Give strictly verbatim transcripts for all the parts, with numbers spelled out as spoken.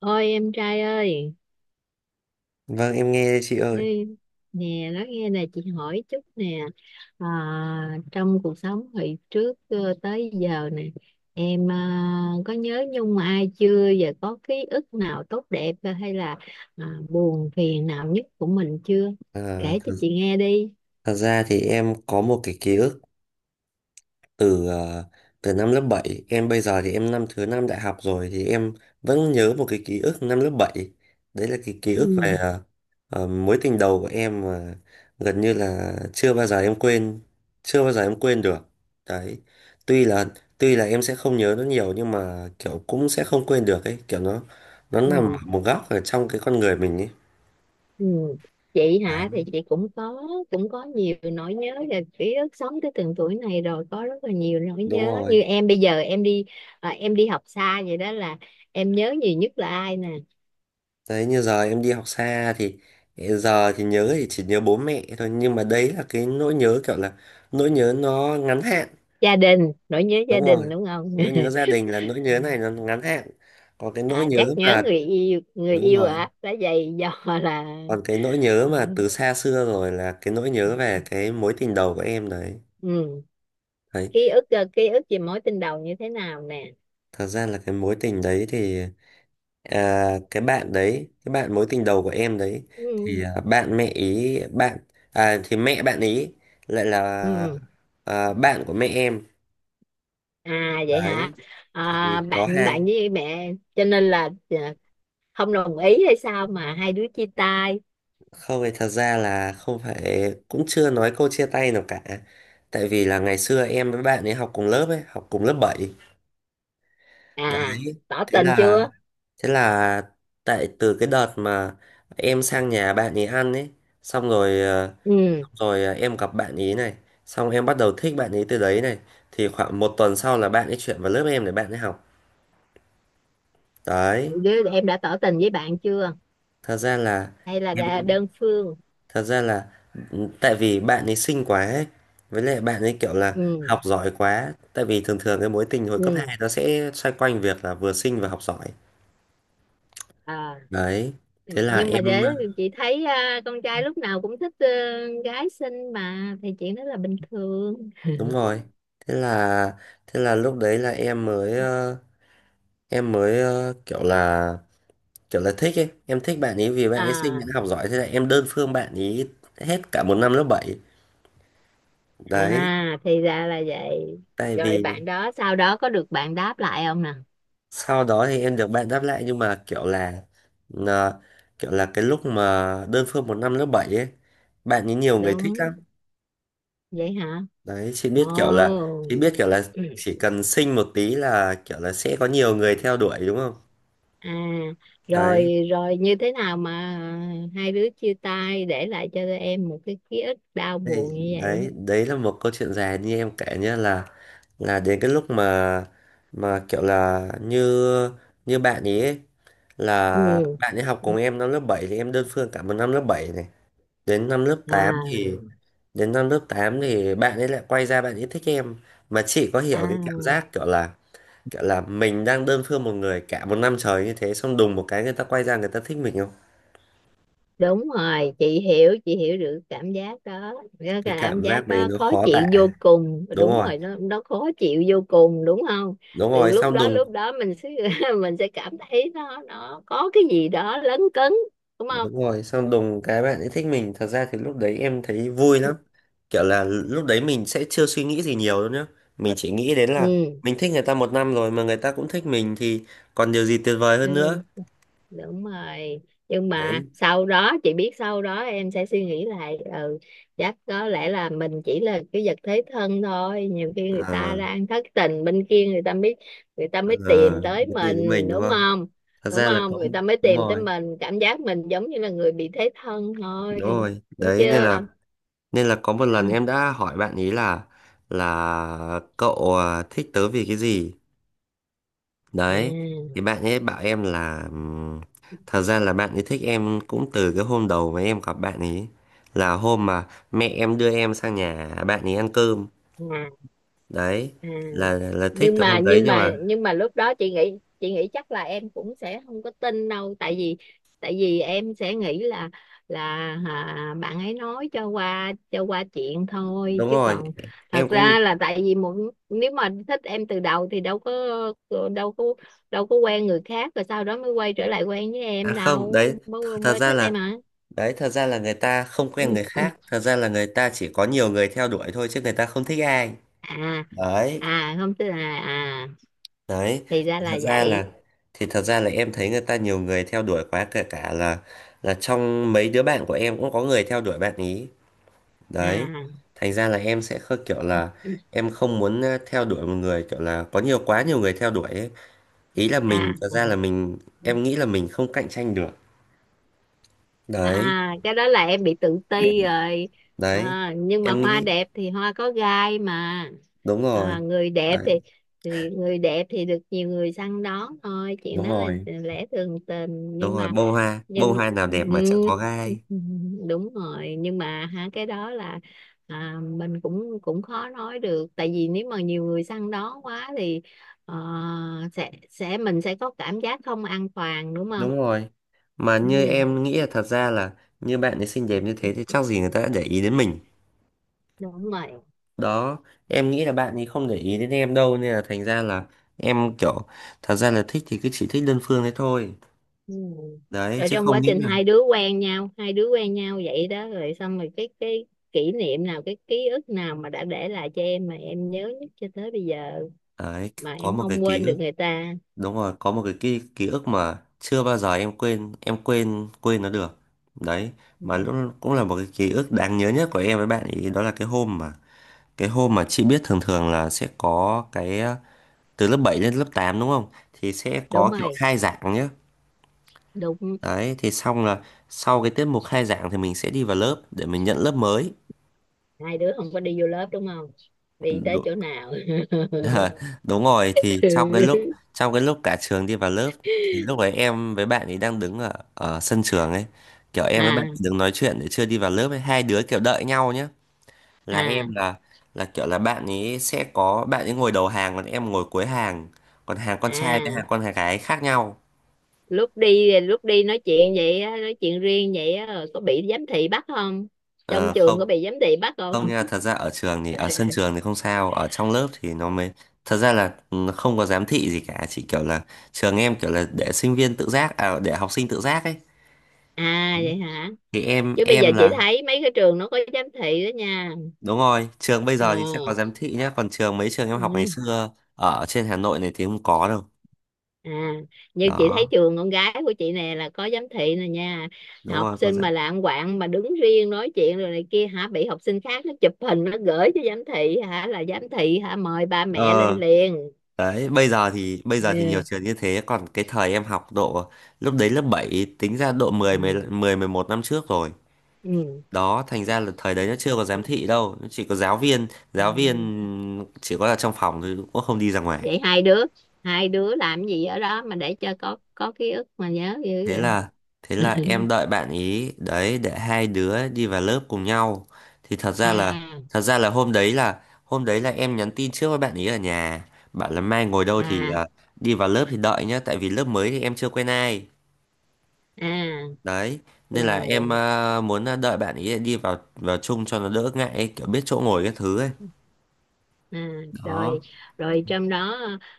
Ôi em trai ơi, Vâng, em nghe đây chị ơi. ê, nè nói nghe nè, chị hỏi chút nè, à, trong cuộc sống hồi trước ờ, tới giờ nè, em à, có nhớ nhung ai chưa và có ký ức nào tốt đẹp, ờ, hay là à, buồn phiền nào nhất của mình chưa? À, Kể cho thật, chị nghe đi. thật ra thì em có một cái ký ức từ ờ, từ năm lớp bảy. Em bây giờ thì em năm thứ năm đại học rồi thì em vẫn nhớ một cái ký ức năm lớp bảy. Đấy là cái ký ức về ờ, ờ, mối tình đầu của em mà gần như là chưa bao giờ em quên, chưa bao giờ em quên được. Đấy. Tuy là tuy là em sẽ không nhớ nó nhiều nhưng mà kiểu cũng sẽ không quên được ấy, kiểu nó nó nằm ở Ừ. một góc ở trong cái con người mình ấy. Ừ. Chị Đấy, hả? Thì chị cũng có cũng có nhiều nỗi nhớ, là ký ức sống tới từng tuổi này rồi có rất là nhiều nỗi đúng nhớ. rồi. Như em bây giờ em đi, à, em đi học xa vậy đó là em nhớ nhiều nhất là ai nè? Đấy, như giờ em đi học xa thì giờ thì nhớ thì chỉ nhớ bố mẹ thôi nhưng mà đấy là cái nỗi nhớ kiểu là nỗi nhớ nó ngắn hạn. Gia đình, nỗi nhớ gia Đúng đình rồi, đúng không? nỗi nhớ gia đình là nỗi nhớ này nó ngắn hạn. Còn cái nỗi à, nhớ Chắc nhớ mà người yêu, người Đúng yêu rồi, hả, đã vậy do là còn cái nỗi nhớ ừ. mà từ xa xưa rồi là cái nỗi nhớ về cái mối tình đầu của em đấy. Ừ. Đấy, Ký ức, ờ, ký ức về mối tình đầu như thế nào nè? thật ra là cái mối tình đấy thì, à, cái bạn đấy cái bạn mối tình đầu của em đấy Ừ. thì, à, bạn mẹ ý bạn à, thì mẹ bạn ý lại là, Ừ. à, bạn của mẹ em. À, vậy hả? Đấy, thì À, có bạn hai. bạn với mẹ cho nên là, à, không đồng ý hay sao mà hai đứa chia tay? Không, thì thật ra là không phải, cũng chưa nói câu chia tay nào cả. Tại vì là ngày xưa em với bạn ấy học cùng lớp ấy, học cùng lớp bảy. À, Đấy, tỏ thế tình là chưa? thế là tại từ cái đợt mà em sang nhà bạn ấy ăn ấy, xong rồi ờ, Ừ. rồi, à, em gặp bạn ý này, xong em bắt đầu thích bạn ý từ đấy này, thì khoảng một tuần sau là bạn ấy chuyển vào lớp em để bạn ấy học. Đấy, Đứa em đã tỏ tình với bạn chưa, thật ra là hay là em đã đơn phương? thật ra là, ừ, tại vì bạn ấy xinh quá ấy, với lại bạn ấy kiểu là Ừ. học giỏi quá, tại vì thường thường cái mối tình hồi cấp Ừ. hai nó sẽ xoay quanh việc là vừa xinh và học giỏi. À. Đấy, thế là Nhưng mà em để ờ, chị thấy, à, con trai lúc nào cũng thích, ờ, gái xinh mà, thì chuyện đó là bình thường. đúng rồi. Thế là thế là lúc đấy là em mới ờ, em mới ờ, kiểu là kiểu là thích ấy, em thích bạn ấy vì bạn ấy xinh, à bạn ấy học giỏi, thế là em đơn phương bạn ấy hết cả một năm lớp bảy. Đấy, à thì ra là vậy. tại Rồi vì bạn đó sau đó có được bạn đáp lại không nè? sau đó thì em được bạn đáp lại nhưng mà kiểu là, là- kiểu là cái lúc mà đơn phương một năm lớp bảy ấy, bạn ấy nhiều người thích Đúng. lắm. Vậy hả? Đấy, chị biết kiểu là, Ồ. Chị biết kiểu là ừ. chỉ cần xinh một tí là kiểu là sẽ có nhiều người theo đuổi, đúng không? À, Đấy rồi rồi, như thế nào mà hai đứa chia tay để lại cho em một cái ký ức đau Đấy. buồn như vậy? Đấy, đấy là một câu chuyện dài như em kể nhá, là là đến cái lúc mà mà kiểu là như, như bạn ý ấy, là Ừ. bạn ấy học cùng em năm lớp bảy thì em đơn phương cả một năm lớp bảy này, đến năm lớp tám thì, À, đến năm lớp tám thì bạn ấy lại quay ra bạn ấy thích em. Mà chị có à. hiểu cái cảm giác kiểu là, kiểu là mình đang đơn phương một người cả một năm trời như thế xong đùng một cái người ta quay ra người ta thích mình không? Đúng rồi, chị hiểu chị hiểu được cảm giác đó, cái Cái cảm cảm giác giác đấy đó nó khó khó tả. chịu vô cùng, Đúng đúng rồi, rồi, nó nó khó chịu vô cùng đúng không? đúng Từ rồi, lúc xong đó, lúc đùng. đó mình sẽ mình sẽ cảm thấy nó nó có cái gì đó lấn cấn, đúng không? Đúng rồi, xong đùng cái bạn ấy thích mình. Thật ra thì lúc đấy em thấy vui lắm. Kiểu là lúc đấy mình sẽ chưa suy nghĩ gì nhiều đâu nhá. Mình chỉ nghĩ đến Ừ, là mình thích người ta một năm rồi mà người ta cũng thích mình thì còn điều gì tuyệt vời ừ. hơn nữa. Đúng rồi. Nhưng mà Đấy. sau đó chị biết, sau đó em sẽ suy nghĩ lại. Ừ, chắc có lẽ là mình chỉ là cái vật thế thân thôi, nhiều khi người ta À, đang thất tình bên kia người ta mới, người ta à, mới tìm tới cái tiền với mình, mình đúng đúng không? không? Thật Đúng ra là không, có. người ta mới Đúng tìm tới rồi, mình, cảm giác mình giống như là người bị thế thân thôi. đúng rồi. Đúng Đấy nên chưa? là, Nên là có một lần em đã hỏi bạn ý là Là cậu, à, thích tớ vì cái gì? Đấy, Ừ. thì bạn ấy bảo em là, ừm, thật ra là bạn ấy thích em cũng từ cái hôm đầu mà em gặp bạn ấy, là hôm mà mẹ em đưa em sang nhà bạn ấy ăn cơm. À, à. Đấy, À. là là thích nhưng từ mà hôm đấy nhưng nhưng mà mà nhưng mà lúc đó chị nghĩ, chị nghĩ chắc là em cũng sẽ không có tin đâu, tại vì, tại vì em sẽ nghĩ là là à, bạn ấy nói cho qua, cho qua chuyện thôi, đúng chứ rồi, còn thật em cũng. ra là tại vì một, nếu mà thích em từ đầu thì đâu có, đâu có đâu có quen người khác rồi sau đó mới quay trở lại quen với À em không, đấy, đâu, mới th- thật mới ra thích em là, hả? đấy, thật ra là người ta không quen người khác, thật ra là người ta chỉ có nhiều người theo đuổi thôi chứ người ta không thích ai. à Đấy. à không tức là, à Đấy, thì ra thì thật là ra là vậy. thì thật ra là em thấy người ta nhiều người theo đuổi quá, kể cả là là trong mấy đứa bạn của em cũng có người theo đuổi bạn ý. Đấy, à thành ra là em sẽ khơ kiểu là em không muốn ờ, theo đuổi một người kiểu là có nhiều quá, nhiều người theo đuổi ấy. Ý là mình à thật ra là mình, em nghĩ là mình không cạnh tranh được. Đấy. à cái đó là em bị tự ti rồi. Đấy, à, Nhưng mà em hoa nghĩ đẹp thì hoa có gai mà, đúng rồi. à, người đẹp Đấy, thì thì người đẹp thì được nhiều người săn đón thôi, chuyện đúng đó là rồi, lẽ thường tình. đúng nhưng rồi, mà bông hoa bông nhưng hoa nào đẹp mà chẳng có ừ, gai. đúng rồi. Nhưng mà hả, cái đó là, à, mình cũng cũng khó nói được, tại vì nếu mà nhiều người săn đón quá thì, ờ, sẽ sẽ mình sẽ có cảm giác không an toàn đúng không? Đúng rồi. Mà như Ừ, em nghĩ là thật ra là như bạn ấy xinh đẹp như thế thì chắc gì người ta đã để ý đến mình. đúng rồi. Đó, em nghĩ là bạn ấy không để ý đến em đâu nên là thành ra là em kiểu, thật ra là thích thì cứ chỉ thích đơn phương đấy thôi. Ừ. Đấy, Rồi chứ trong quá không nghĩ trình là hai đứa quen nhau, hai đứa quen nhau vậy đó, rồi xong rồi cái cái kỷ niệm nào, cái ký ức nào mà đã để lại cho em mà em nhớ nhất cho tới bây giờ, đấy mà có em một cái không ký quên được ức. người ta? Đúng rồi, có một cái ký, ký ức mà chưa bao giờ em quên, em quên quên nó được. Đấy, mà lúc cũng là một cái ký ức đáng nhớ nhất của em với bạn ấy, đó là cái hôm mà, cái hôm mà chị biết thường thường là sẽ có cái từ lớp bảy lên lớp tám đúng không thì sẽ Đúng có kiểu rồi. khai giảng nhá. Đúng. Đấy, thì xong là sau cái tiết mục khai giảng thì mình sẽ đi vào lớp để mình nhận lớp mới. Hai đứa không có đi vô lớp đúng không? Đi tới Đúng, chỗ nào? đúng rồi, thì trong cái lúc, trong cái lúc cả trường đi vào lớp thì lúc ấy em với bạn ấy đang đứng ở, ở sân trường ấy, kiểu em với bạn ấy à đứng nói chuyện để chưa đi vào lớp ấy, hai đứa kiểu đợi nhau nhá. Là em à là là kiểu là bạn ấy sẽ có bạn ấy ngồi đầu hàng còn em ngồi cuối hàng, còn hàng con trai với à hàng con gái khác nhau. lúc đi lúc đi nói chuyện vậy á, nói chuyện riêng vậy á, rồi có bị giám thị bắt không? Trong Ờ, trường không. có bị giám thị bắt không? Không nha, thật ra ở trường thì ở sân trường thì không sao, ở trong lớp thì nó mới, thật ra là ừ, không có giám thị gì cả, chỉ kiểu là trường em kiểu là để sinh viên tự giác, à để học sinh tự giác ấy. À, Đấy. vậy hả? Thì em Chứ bây giờ em chị là thấy mấy cái trường nó có giám thị đó nha. đúng rồi, trường bây Ờ. giờ thì sẽ có giám thị nhá, còn trường mấy trường em học ngày Ừ. xưa ở trên Hà Nội này thì không có đâu. À, như chị thấy Đó, trường con gái của chị nè là có giám thị nè nha. đúng Học rồi có sinh giám. mà lạng quạng mà đứng riêng nói chuyện rồi này kia hả, bị học sinh khác nó chụp hình nó gửi cho giám thị hả, là giám thị hả mời ba mẹ lên Ờ, liền. đấy, bây giờ thì, bây giờ thì nhiều Ừ. trường như thế, còn cái thời em học độ lúc đấy lớp bảy tính ra độ mười mười Ừ. mười mười một năm trước rồi. Ừ. Đó, thành ra là thời đấy nó chưa có giám thị đâu, nó chỉ có giáo viên, Ừ. giáo viên chỉ có là trong phòng thôi cũng không đi ra ngoài. Vậy hai đứa hai đứa làm gì ở đó mà để cho có có ký ức mà nhớ dữ thế vậy? là thế là em đợi bạn ý đấy để hai đứa đi vào lớp cùng nhau. Thì thật ra là, à thật ra là hôm đấy là, hôm đấy là em nhắn tin trước với bạn ý ở nhà, bảo là mai ngồi đâu thì, à à, đi vào lớp thì đợi nhá, tại vì lớp mới thì em chưa quen ai. à Đấy, nên là em, rồi. à, muốn, à, đợi bạn ý đi vào vào chung cho nó đỡ ngại ấy, kiểu biết chỗ ngồi cái thứ ấy. À, rồi, Đó. rồi, trong đó.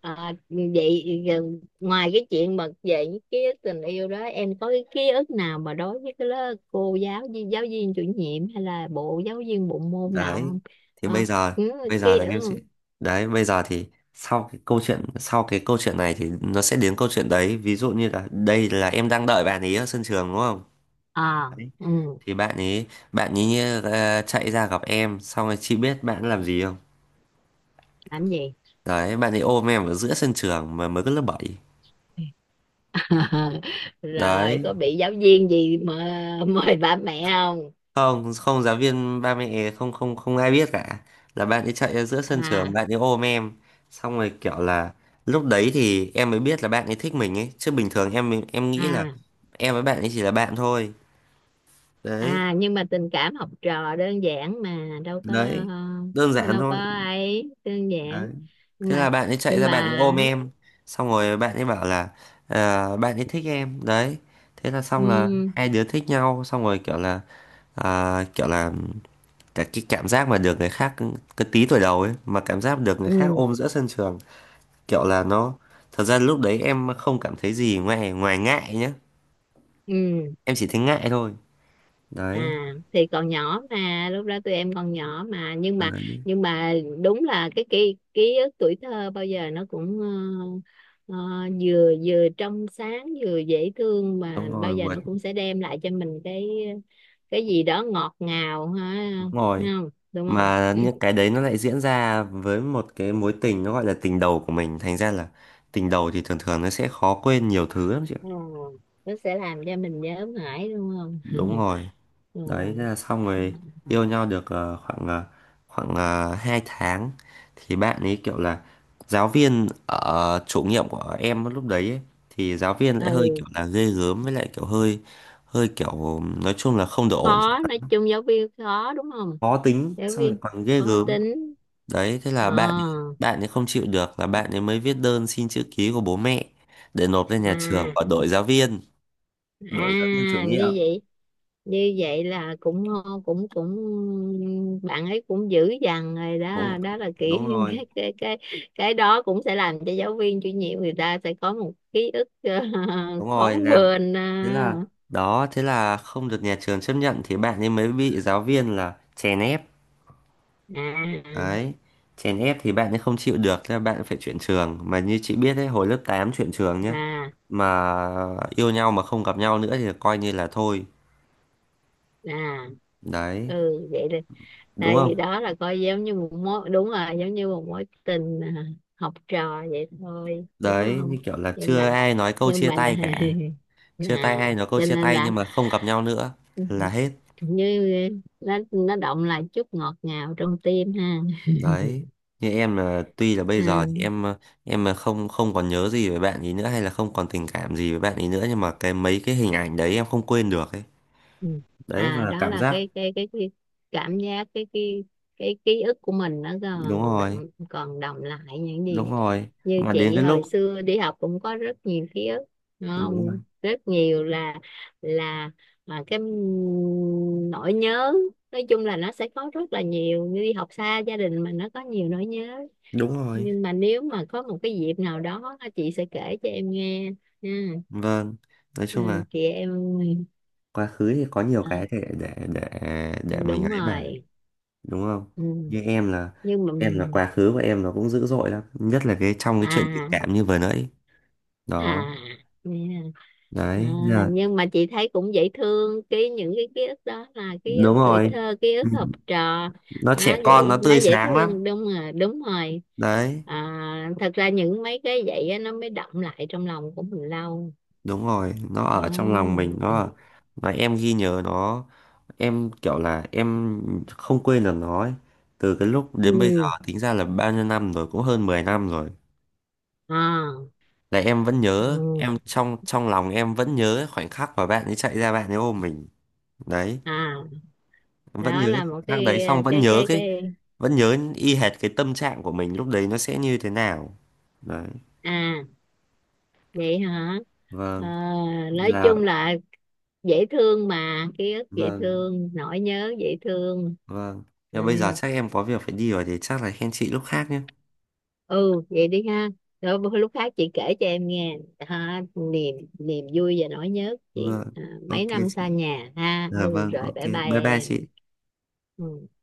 à, Vậy giờ ngoài cái chuyện mà về những ký ức tình yêu đó, em có cái ký ức nào mà đối với cái lớp, cô giáo viên giáo viên chủ nhiệm, hay là bộ giáo viên bộ môn nào Đấy, không? thì bây à, giờ, ừ, bây giờ ký là em sẽ ức. đấy bây giờ thì sau cái câu chuyện, sau cái câu chuyện này thì nó sẽ đến câu chuyện đấy, ví dụ như là đây là em đang đợi bạn ấy ở sân trường đúng không? À. Đấy. Ừ, thì bạn ấy bạn ấy ờ, chạy ra gặp em, xong rồi chị biết bạn ấy làm gì không? làm gì Đấy, bạn ấy ôm em ở giữa sân trường mà mới có lớp bảy. rồi Đấy, có bị giáo viên gì mà mời bà mẹ không? không, không, giáo viên ba mẹ, không không không ai biết cả. Là bạn ấy chạy ra giữa sân trường, à bạn ấy ôm em, xong rồi kiểu là lúc đấy thì em mới biết là bạn ấy thích mình ấy, chứ bình thường em em nghĩ là à em với bạn ấy chỉ là bạn thôi. Đấy. à nhưng mà tình cảm học trò đơn giản mà đâu có, Đấy, đơn ờ, giản đâu có thôi. ấy đơn giản. Đấy, nhưng thế mà là bạn ấy chạy nhưng ra bạn ấy mà ôm em, xong rồi bạn ấy bảo là ờ, bạn ấy thích em. Đấy, thế là xong, ừ, là hai đứa thích nhau, xong rồi kiểu là à, kiểu là cả cái cảm giác mà được người khác, cái tí tuổi đầu ấy mà cảm giác được người khác ừ, ôm giữa sân trường, kiểu là nó, thật ra lúc đấy em không cảm thấy gì ngoài ngoài ngại nhá. ừ. Em chỉ thấy ngại thôi. À, Đấy, thì còn nhỏ mà lúc đó tụi em còn nhỏ mà. nhưng mà đấy, nhưng mà đúng là cái ký ký ức tuổi thơ bao giờ nó cũng, ờ, ờ, vừa vừa trong sáng vừa dễ thương, mà đúng bao rồi giờ vượt, nó cũng sẽ đem lại cho mình cái cái gì đó ngọt ngào ha. đúng Thấy rồi. không đúng không? Mà những cái đấy nó lại diễn ra với một cái mối tình nó gọi là tình đầu của mình, thành ra là tình đầu thì thường thường nó sẽ khó quên nhiều thứ lắm chị ạ. Ừ, nó sẽ làm cho mình nhớ mãi đúng không? Đúng rồi. Ừ. Đấy, thế là xong Ừ, rồi. Yêu nhau được ờ, khoảng ờ, khoảng uh, hai tháng thì bạn ấy kiểu là giáo viên ở chủ nhiệm của em lúc đấy ấy, thì giáo viên lại hơi ừ. kiểu là ghê gớm, với lại kiểu hơi hơi kiểu nói chung là không được ổn. Khó, nói chung giáo viên khó đúng không? Khó tính Giáo xong lại viên còn ghê khó gớm. tính. Đấy, thế là Ờ. bạn ấy- bạn ấy không chịu được, là bạn ấy mới viết đơn xin chữ ký của bố mẹ để nộp lên nhà trường à, và đổi giáo viên, đổi giáo viên chủ à, nhiệm. Như vậy, như vậy là cũng cũng cũng bạn ấy cũng dữ dằn rồi Cũng đó, đó là đúng kỹ rồi, cái cái cái cái đó cũng sẽ làm cho giáo viên chủ nhiệm người ta sẽ có một ký ức đúng khó rồi làm, quên. Ờ. thế là, đó thế là không được nhà trường chấp nhận, thì bạn ấy mới bị giáo viên là chèn ép. À, Đấy, chèn ép thì bạn ấy không chịu được, thế là bạn phải chuyển trường, mà như chị biết đấy, hồi lớp tám chuyển trường nhá. à, Mà yêu nhau mà không gặp nhau nữa thì coi như là thôi. à. Đấy, Ừ vậy là đúng tại không? vì đó là coi giống như một mối, đúng rồi, giống như một mối tình, à, học trò vậy thôi đúng Đấy, như không? kiểu là nhưng mà chưa ai nói câu nhưng chia mà là tay cả, chưa tay à, ai nói câu cho chia nên tay là nhưng mà không gặp nhau nữa là hết. như nó nó động lại chút ngọt ngào trong tim ha. Đấy, như em là tuy là bây giờ thì Ừ. em ờ, em là không không còn nhớ gì về bạn ấy nữa hay là không còn tình cảm gì với bạn ấy nữa, nhưng mà cái mấy cái hình ảnh đấy em không quên được ấy. Ừ. Đấy, À, và đó cảm là giác. cái cái cái, cái cảm giác, cái cái cái ký ức của mình nó Đúng còn rồi, đọng, còn đọng lại những gì. đúng rồi. Như Mà đến chị cái lúc, hồi xưa đi học cũng có rất nhiều ký ức đúng đúng rồi, không, rất nhiều. Là là Mà cái nỗi nhớ nói chung là nó sẽ có rất là nhiều, như đi học xa gia đình mà nó có nhiều nỗi nhớ, đúng rồi. nhưng mà nếu mà có một cái dịp nào đó chị sẽ kể cho em nghe nha. Vâng, nói Ừ, chung là chị em, quá khứ thì có nhiều à, cái để để để để mình đúng ấy mà. rồi. Đúng không? Ừ. Như em là Nhưng mà em là quá khứ của em nó cũng dữ dội lắm, nhất là cái trong cái chuyện tình à cảm như vừa nãy đó. à nè. à, Đấy là nhưng mà chị thấy cũng dễ thương, cái những cái ký ức đó là ký ức đúng tuổi rồi, thơ, ký ức học trò, nó nó trẻ con, dễ nó nó tươi dễ sáng lắm. thương, đúng rồi, đúng rồi. Đấy, à, Thật ra những mấy cái vậy á, nó mới đọng lại trong lòng của mình lâu đúng rồi, nó đó. ở trong lòng mình nó, mà em ghi nhớ nó, em kiểu là em không quên được nó ấy. Từ cái lúc đến bây giờ Ừ. tính ra là bao nhiêu năm rồi, cũng hơn mười năm rồi, À. là em vẫn nhớ, Ừ. em trong trong lòng em vẫn nhớ khoảnh khắc mà bạn ấy chạy ra bạn ấy ôm mình. Đấy, À, vẫn đó nhớ là một khoảnh khắc đấy, cái xong vẫn cái nhớ cái cái, cái. vẫn nhớ y hệt cái tâm trạng của mình lúc đấy nó sẽ như thế nào. Đấy, À, vậy hả? Ờ, vâng, nói là chung là dễ thương mà, ký ức dễ vâng. thương, nỗi nhớ dễ thương. Vâng. Nhưng bây giờ Đấy. chắc em có việc phải đi rồi, thì chắc là hẹn chị lúc khác nhé. Ừ, vậy đi ha. Rồi bữa- lúc khác chị kể cho em nghe ha, niềm niềm vui và nỗi nhớ của chị, Vâng. à, Ok mấy năm xa chị. nhà ha, Dạ ừ vâng, rồi ok. bye bye Bye bye chị. em. Ừ.